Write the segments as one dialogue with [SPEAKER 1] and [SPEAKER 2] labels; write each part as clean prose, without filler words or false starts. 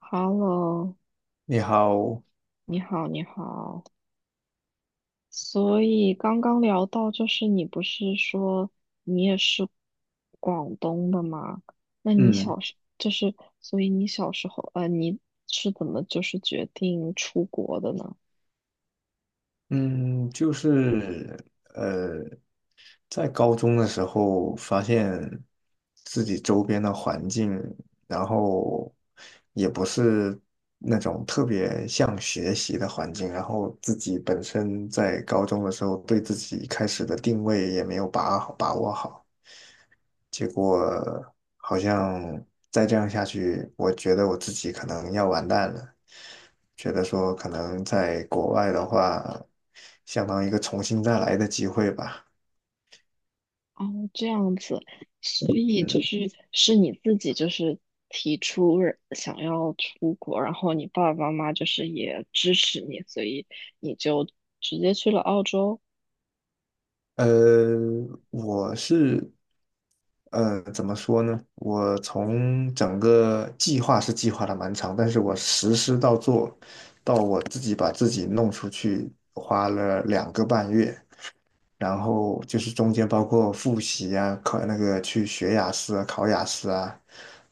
[SPEAKER 1] Hello，
[SPEAKER 2] 你好，
[SPEAKER 1] 你好，你好。所以刚刚聊到，就是你不是说你也是广东的吗？那你
[SPEAKER 2] 嗯
[SPEAKER 1] 小时就是，所以你小时候，你是怎么就是决定出国的呢？
[SPEAKER 2] 嗯，就是呃，在高中的时候，发现自己周边的环境，然后也不是那种特别像学习的环境，然后自己本身在高中的时候对自己一开始的定位也没有把握好，结果好像再这样下去，我觉得我自己可能要完蛋了，觉得说可能在国外的话，相当于一个重新再来的机会吧。
[SPEAKER 1] 哦，这样子，所以就
[SPEAKER 2] 嗯。
[SPEAKER 1] 是是你自己就是提出想要出国，然后你爸爸妈妈就是也支持你，所以你就直接去了澳洲。
[SPEAKER 2] 呃，我是怎么说呢？我从整个计划是计划的蛮长，但是我实施到做，到我自己把自己弄出去，花了两个半月。然后就是中间包括复习啊，考那个去学雅思啊、考雅思啊、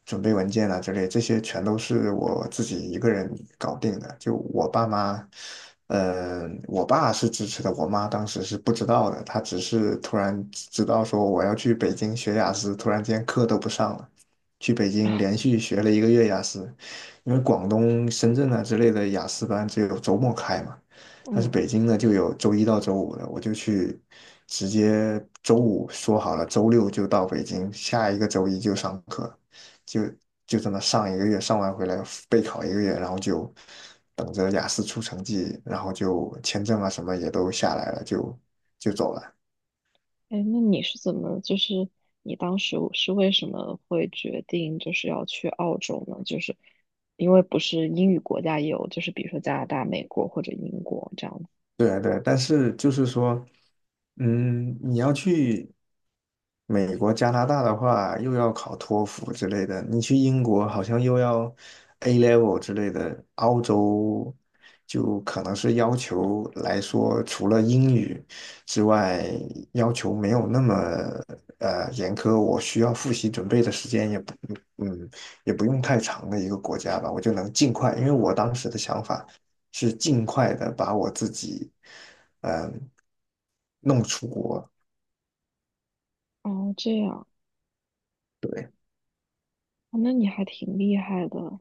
[SPEAKER 2] 准备文件啊之类，这些全都是我自己一个人搞定的。就我爸妈，我爸是支持的，我妈当时是不知道的，她只是突然知道说我要去北京学雅思，突然间课都不上了。去北京连续学了一个月雅思，因为广东、深圳啊之类的雅思班只有周末开嘛，但是
[SPEAKER 1] 嗯。
[SPEAKER 2] 北京呢就有周一到周五的，我就去直接周五说好了，周六就到北京，下一个周一就上课，就就这么上一个月，上完回来备考一个月，然后就等着雅思出成绩，然后就签证啊什么也都下来了，就走了。
[SPEAKER 1] 哎，那你是怎么，就是你当时是为什么会决定就是要去澳洲呢？就是因为不是英语国家也有，就是比如说加拿大、美国或者英国这样子。
[SPEAKER 2] 对对，但是就是说，嗯，你要去。美国、加拿大的话，又要考托福之类的；你去英国，好像又要 A level 之类的。澳洲就可能是要求来说，除了英语之外，要求没有那么严苛。我需要复习准备的时间也不嗯也不用太长的一个国家吧，我就能尽快。因为我当时的想法是尽快的把我自己嗯、弄出国。
[SPEAKER 1] 哦，这样，
[SPEAKER 2] 对。
[SPEAKER 1] 哦那你还挺厉害的。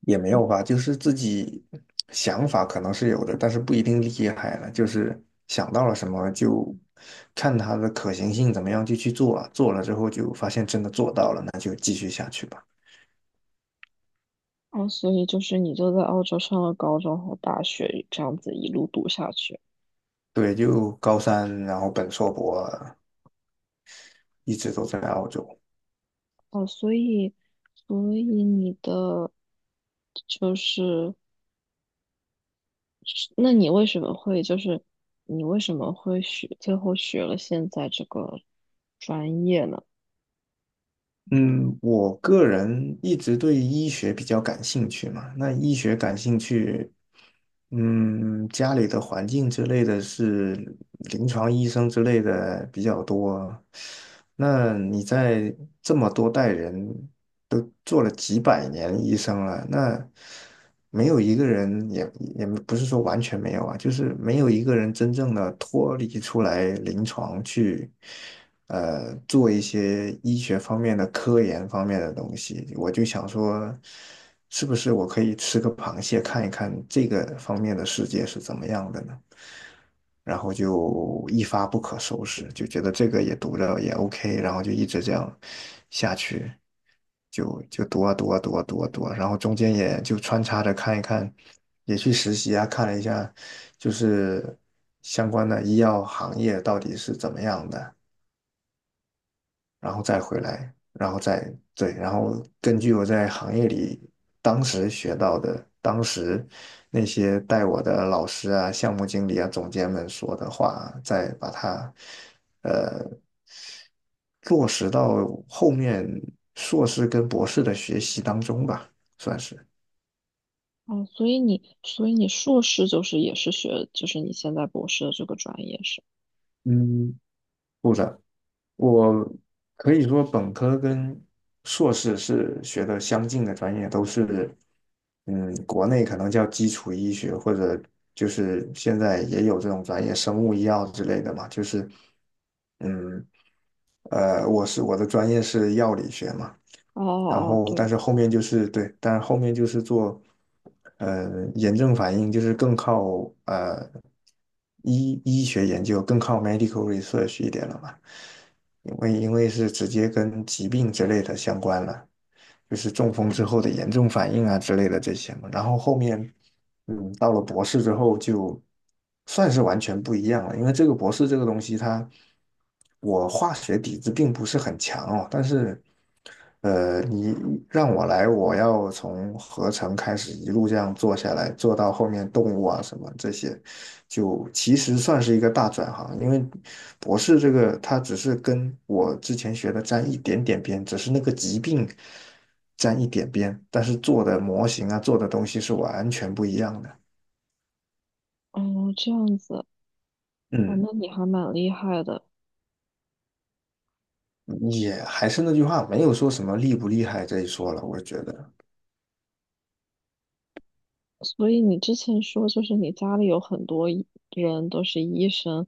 [SPEAKER 2] 也没有吧，就是自己想法可能是有的，但是不一定厉害了。就是想到了什么就看它的可行性怎么样就去做啊，做了之后就发现真的做到了，那就继续下去吧。
[SPEAKER 1] 哦，所以就是你就在澳洲上了高中和大学，这样子一路读下去。
[SPEAKER 2] 对，就高三，然后本硕博一直都在澳洲。
[SPEAKER 1] 哦，所以，所以你的就是。那你为什么会就是你为什么会学最后学了现在这个专业呢？
[SPEAKER 2] 嗯，我个人一直对医学比较感兴趣嘛。那医学感兴趣，嗯，家里的环境之类的是临床医生之类的比较多。那你在这么多代人都做了几百年医生了，那没有一个人也也不是说完全没有啊，就是没有一个人真正的脱离出来临床去。做一些医学方面的科研方面的东西，我就想说，是不是我可以吃个螃蟹看一看这个方面的世界是怎么样的呢？然后就一发不可收拾，就觉得这个也读着也 OK,然后就一直这样下去，就就读啊读啊读啊读啊读啊，然后中间也就穿插着看一看，也去实习啊，看了一下就是相关的医药行业到底是怎么样的。然后再回来，然后再对，然后根据我在行业里当时学到的，当时那些带我的老师啊、项目经理啊、总监们说的话，再把它呃落实到后面硕士跟博士的学习当中吧，算是。
[SPEAKER 1] 哦，所以你硕士就是也是学就是你现在博士的这个专业是？
[SPEAKER 2] 嗯，部长。我可以说本科跟硕士是学的相近的专业，都是，嗯，国内可能叫基础医学，或者就是现在也有这种专业，生物医药之类的嘛，就是，嗯，我的专业是药理学嘛，
[SPEAKER 1] 哦
[SPEAKER 2] 然
[SPEAKER 1] 哦哦，
[SPEAKER 2] 后但
[SPEAKER 1] 对，
[SPEAKER 2] 是后面就是对，但是后面就是做炎症反应，就是更靠呃医学研究，更靠 medical research 一点了嘛，因为是直接跟疾病之类的相关了，就是中风之后的炎症反应啊之类的这些嘛，然后后面。嗯，到了博士之后就算是完全不一样了，因为这个博士这个东西它，我化学底子并不是很强哦，但是，你让我来，我要从合成开始一路这样做下来，做到后面动物啊什么这些，就其实算是一个大转行，因为博士这个它只是跟我之前学的沾一点点边，只是那个疾病沾一点边，但是做的模型啊，做的东西是完全不一样的。
[SPEAKER 1] 哦这样子，哦
[SPEAKER 2] 嗯，
[SPEAKER 1] 那你还蛮厉害的。
[SPEAKER 2] 也还是那句话，没有说什么厉不厉害这一说了，我觉得。
[SPEAKER 1] 所以你之前说，就是你家里有很多医人都是医生，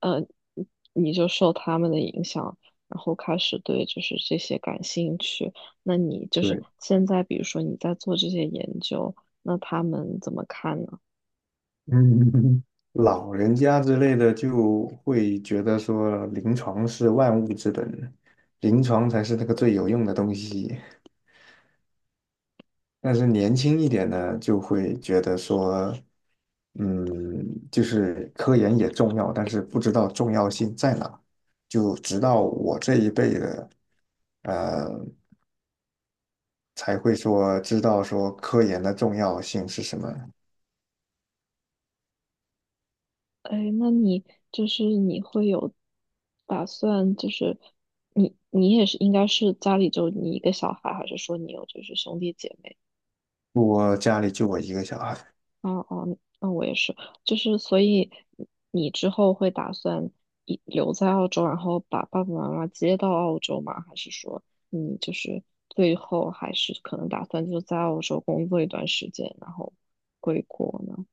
[SPEAKER 1] 呃，你你就受他们的影响，然后开始对就是这些感兴趣。那你就是
[SPEAKER 2] 对，
[SPEAKER 1] 现在，比如说你在做这些研究，那他们怎么看呢？
[SPEAKER 2] 嗯，老人家之类的就会觉得说，临床是万物之本，临床才是那个最有用的东西。但是年轻一点呢，就会觉得说，嗯，就是科研也重要，但是不知道重要性在哪。就直到我这一辈的，呃，才会说知道说科研的重要性是什么。
[SPEAKER 1] 哎，那你就是你会有打算，就是你也是应该是家里就你一个小孩，还是说你有就是兄弟姐妹？
[SPEAKER 2] 我家里就我一个小孩。
[SPEAKER 1] 哦哦，那我也是，就是所以你之后会打算一留在澳洲，然后把爸爸妈妈接到澳洲吗？还是说你就是最后还是可能打算就在澳洲工作一段时间，然后回国呢？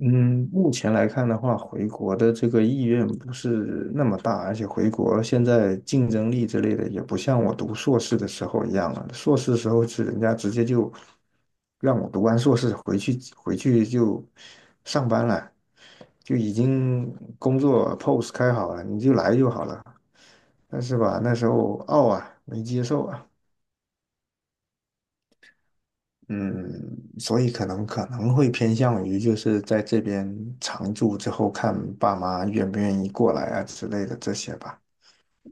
[SPEAKER 2] 嗯，目前来看的话，回国的这个意愿不是那么大，而且回国现在竞争力之类的也不像我读硕士的时候一样了。硕士的时候是人家直接就让我读完硕士回去，回去就上班了，就已经工作 post 开好了，你就来就好了。但是吧，那时候傲啊，没接受啊。嗯，所以可能会偏向于就是在这边常住之后，看爸妈愿不愿意过来啊之类的这些吧。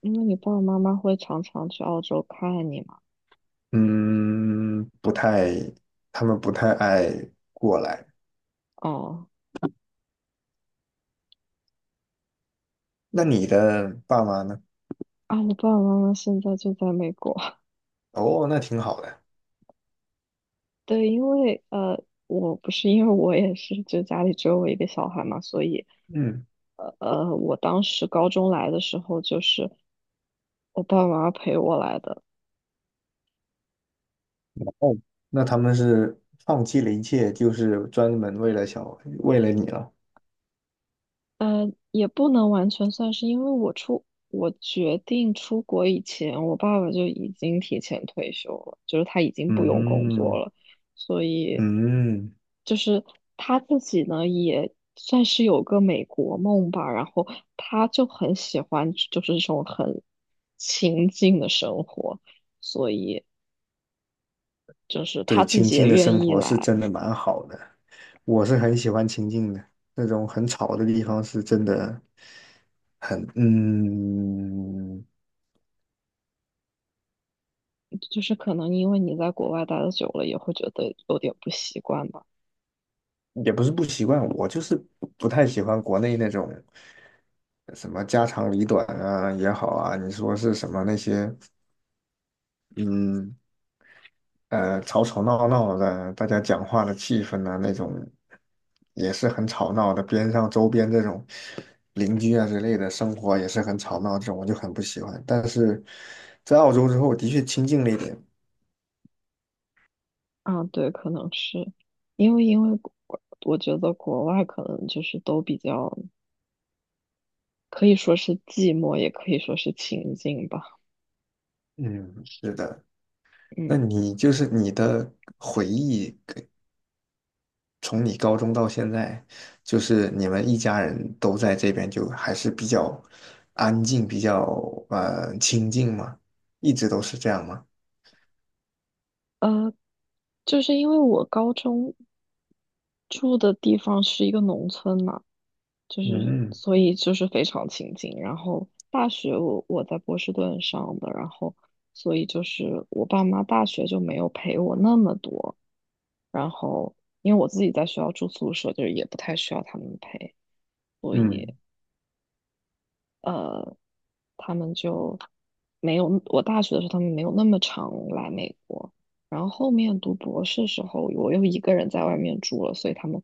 [SPEAKER 1] 因为你爸爸妈妈会常常去澳洲看你嘛。
[SPEAKER 2] 嗯，不太，他们不太爱过来。
[SPEAKER 1] 哦，
[SPEAKER 2] 那你的爸妈呢？
[SPEAKER 1] 啊，我爸爸妈妈现在就在美国。
[SPEAKER 2] 哦，那挺好的。
[SPEAKER 1] 对，因为我不是因为我也是，就家里只有我一个小孩嘛，所以。
[SPEAKER 2] 嗯，
[SPEAKER 1] 我当时高中来的时候，就是我爸妈陪我来的，
[SPEAKER 2] 哦，那他们是放弃了一切，就是专门为了小，为了你了。
[SPEAKER 1] 也不能完全算是，因为我决定出国以前，我爸爸就已经提前退休了，就是他已经不用工作
[SPEAKER 2] 嗯
[SPEAKER 1] 了，所以
[SPEAKER 2] 嗯。
[SPEAKER 1] 就是他自己呢也算是有个美国梦吧，然后他就很喜欢就是这种很清静的生活，所以就是
[SPEAKER 2] 对，
[SPEAKER 1] 他自
[SPEAKER 2] 清
[SPEAKER 1] 己也
[SPEAKER 2] 静的生
[SPEAKER 1] 愿意
[SPEAKER 2] 活是
[SPEAKER 1] 来。
[SPEAKER 2] 真的蛮好的，我是很喜欢清静的，那种很吵的地方是真的，嗯，
[SPEAKER 1] 就是可能因为你在国外待的久了，也会觉得有点不习惯吧。
[SPEAKER 2] 也不是不习惯，我就是不太喜欢国内那种什么家长里短啊也好啊，你说是什么那些，嗯，吵吵闹闹的，大家讲话的气氛呢、那种也是很吵闹的。边上周边这种邻居啊之类的生活也是很吵闹，这种我就很不喜欢。但是在澳洲之后，我的确清静了一点。
[SPEAKER 1] 啊，对，可能是因为我觉得国外可能就是都比较可以说是寂寞，也可以说是清静吧。
[SPEAKER 2] 嗯，是的。那
[SPEAKER 1] 嗯，
[SPEAKER 2] 你就是你的回忆，从你高中到现在，就是你们一家人都在这边，就还是比较安静，比较清静嘛，一直都是这样吗？
[SPEAKER 1] 就是因为我高中住的地方是一个农村嘛，就是
[SPEAKER 2] 嗯
[SPEAKER 1] 所以就是非常亲近。然后大学我在波士顿上的，然后所以就是我爸妈大学就没有陪我那么多，然后因为我自己在学校住宿舍，就是也不太需要他们陪。
[SPEAKER 2] 嗯。
[SPEAKER 1] 呃，他们就没有，我大学的时候他们没有那么常来美国，然后后面读博士时候，我又一个人在外面住了，所以他们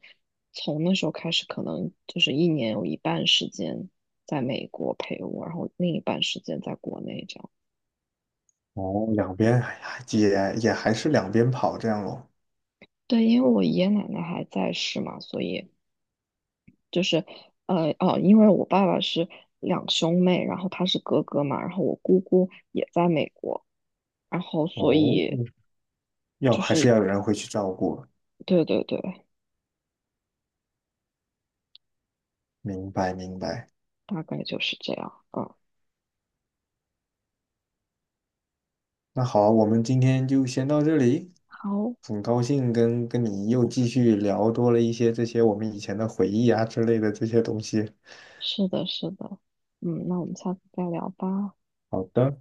[SPEAKER 1] 从那时候开始，可能就是一年有一半时间在美国陪我，然后另一半时间在国内这样。
[SPEAKER 2] 哦，两边还也还是两边跑这样咯。
[SPEAKER 1] 对，因为我爷爷奶奶还在世嘛，所以就是因为我爸爸是两兄妹，然后他是哥哥嘛，然后我姑姑也在美国。然后所
[SPEAKER 2] 哦，
[SPEAKER 1] 以
[SPEAKER 2] 要还是要有人会去照顾。
[SPEAKER 1] 对对对，
[SPEAKER 2] 明白明白。
[SPEAKER 1] 大概就是这样。嗯，
[SPEAKER 2] 那好啊我们今天就先到这里。
[SPEAKER 1] 好，
[SPEAKER 2] 很高兴跟你又继续聊多了一些这些我们以前的回忆啊之类的这些东西。
[SPEAKER 1] 是的，是的。嗯，那我们下次再聊吧。
[SPEAKER 2] 好的。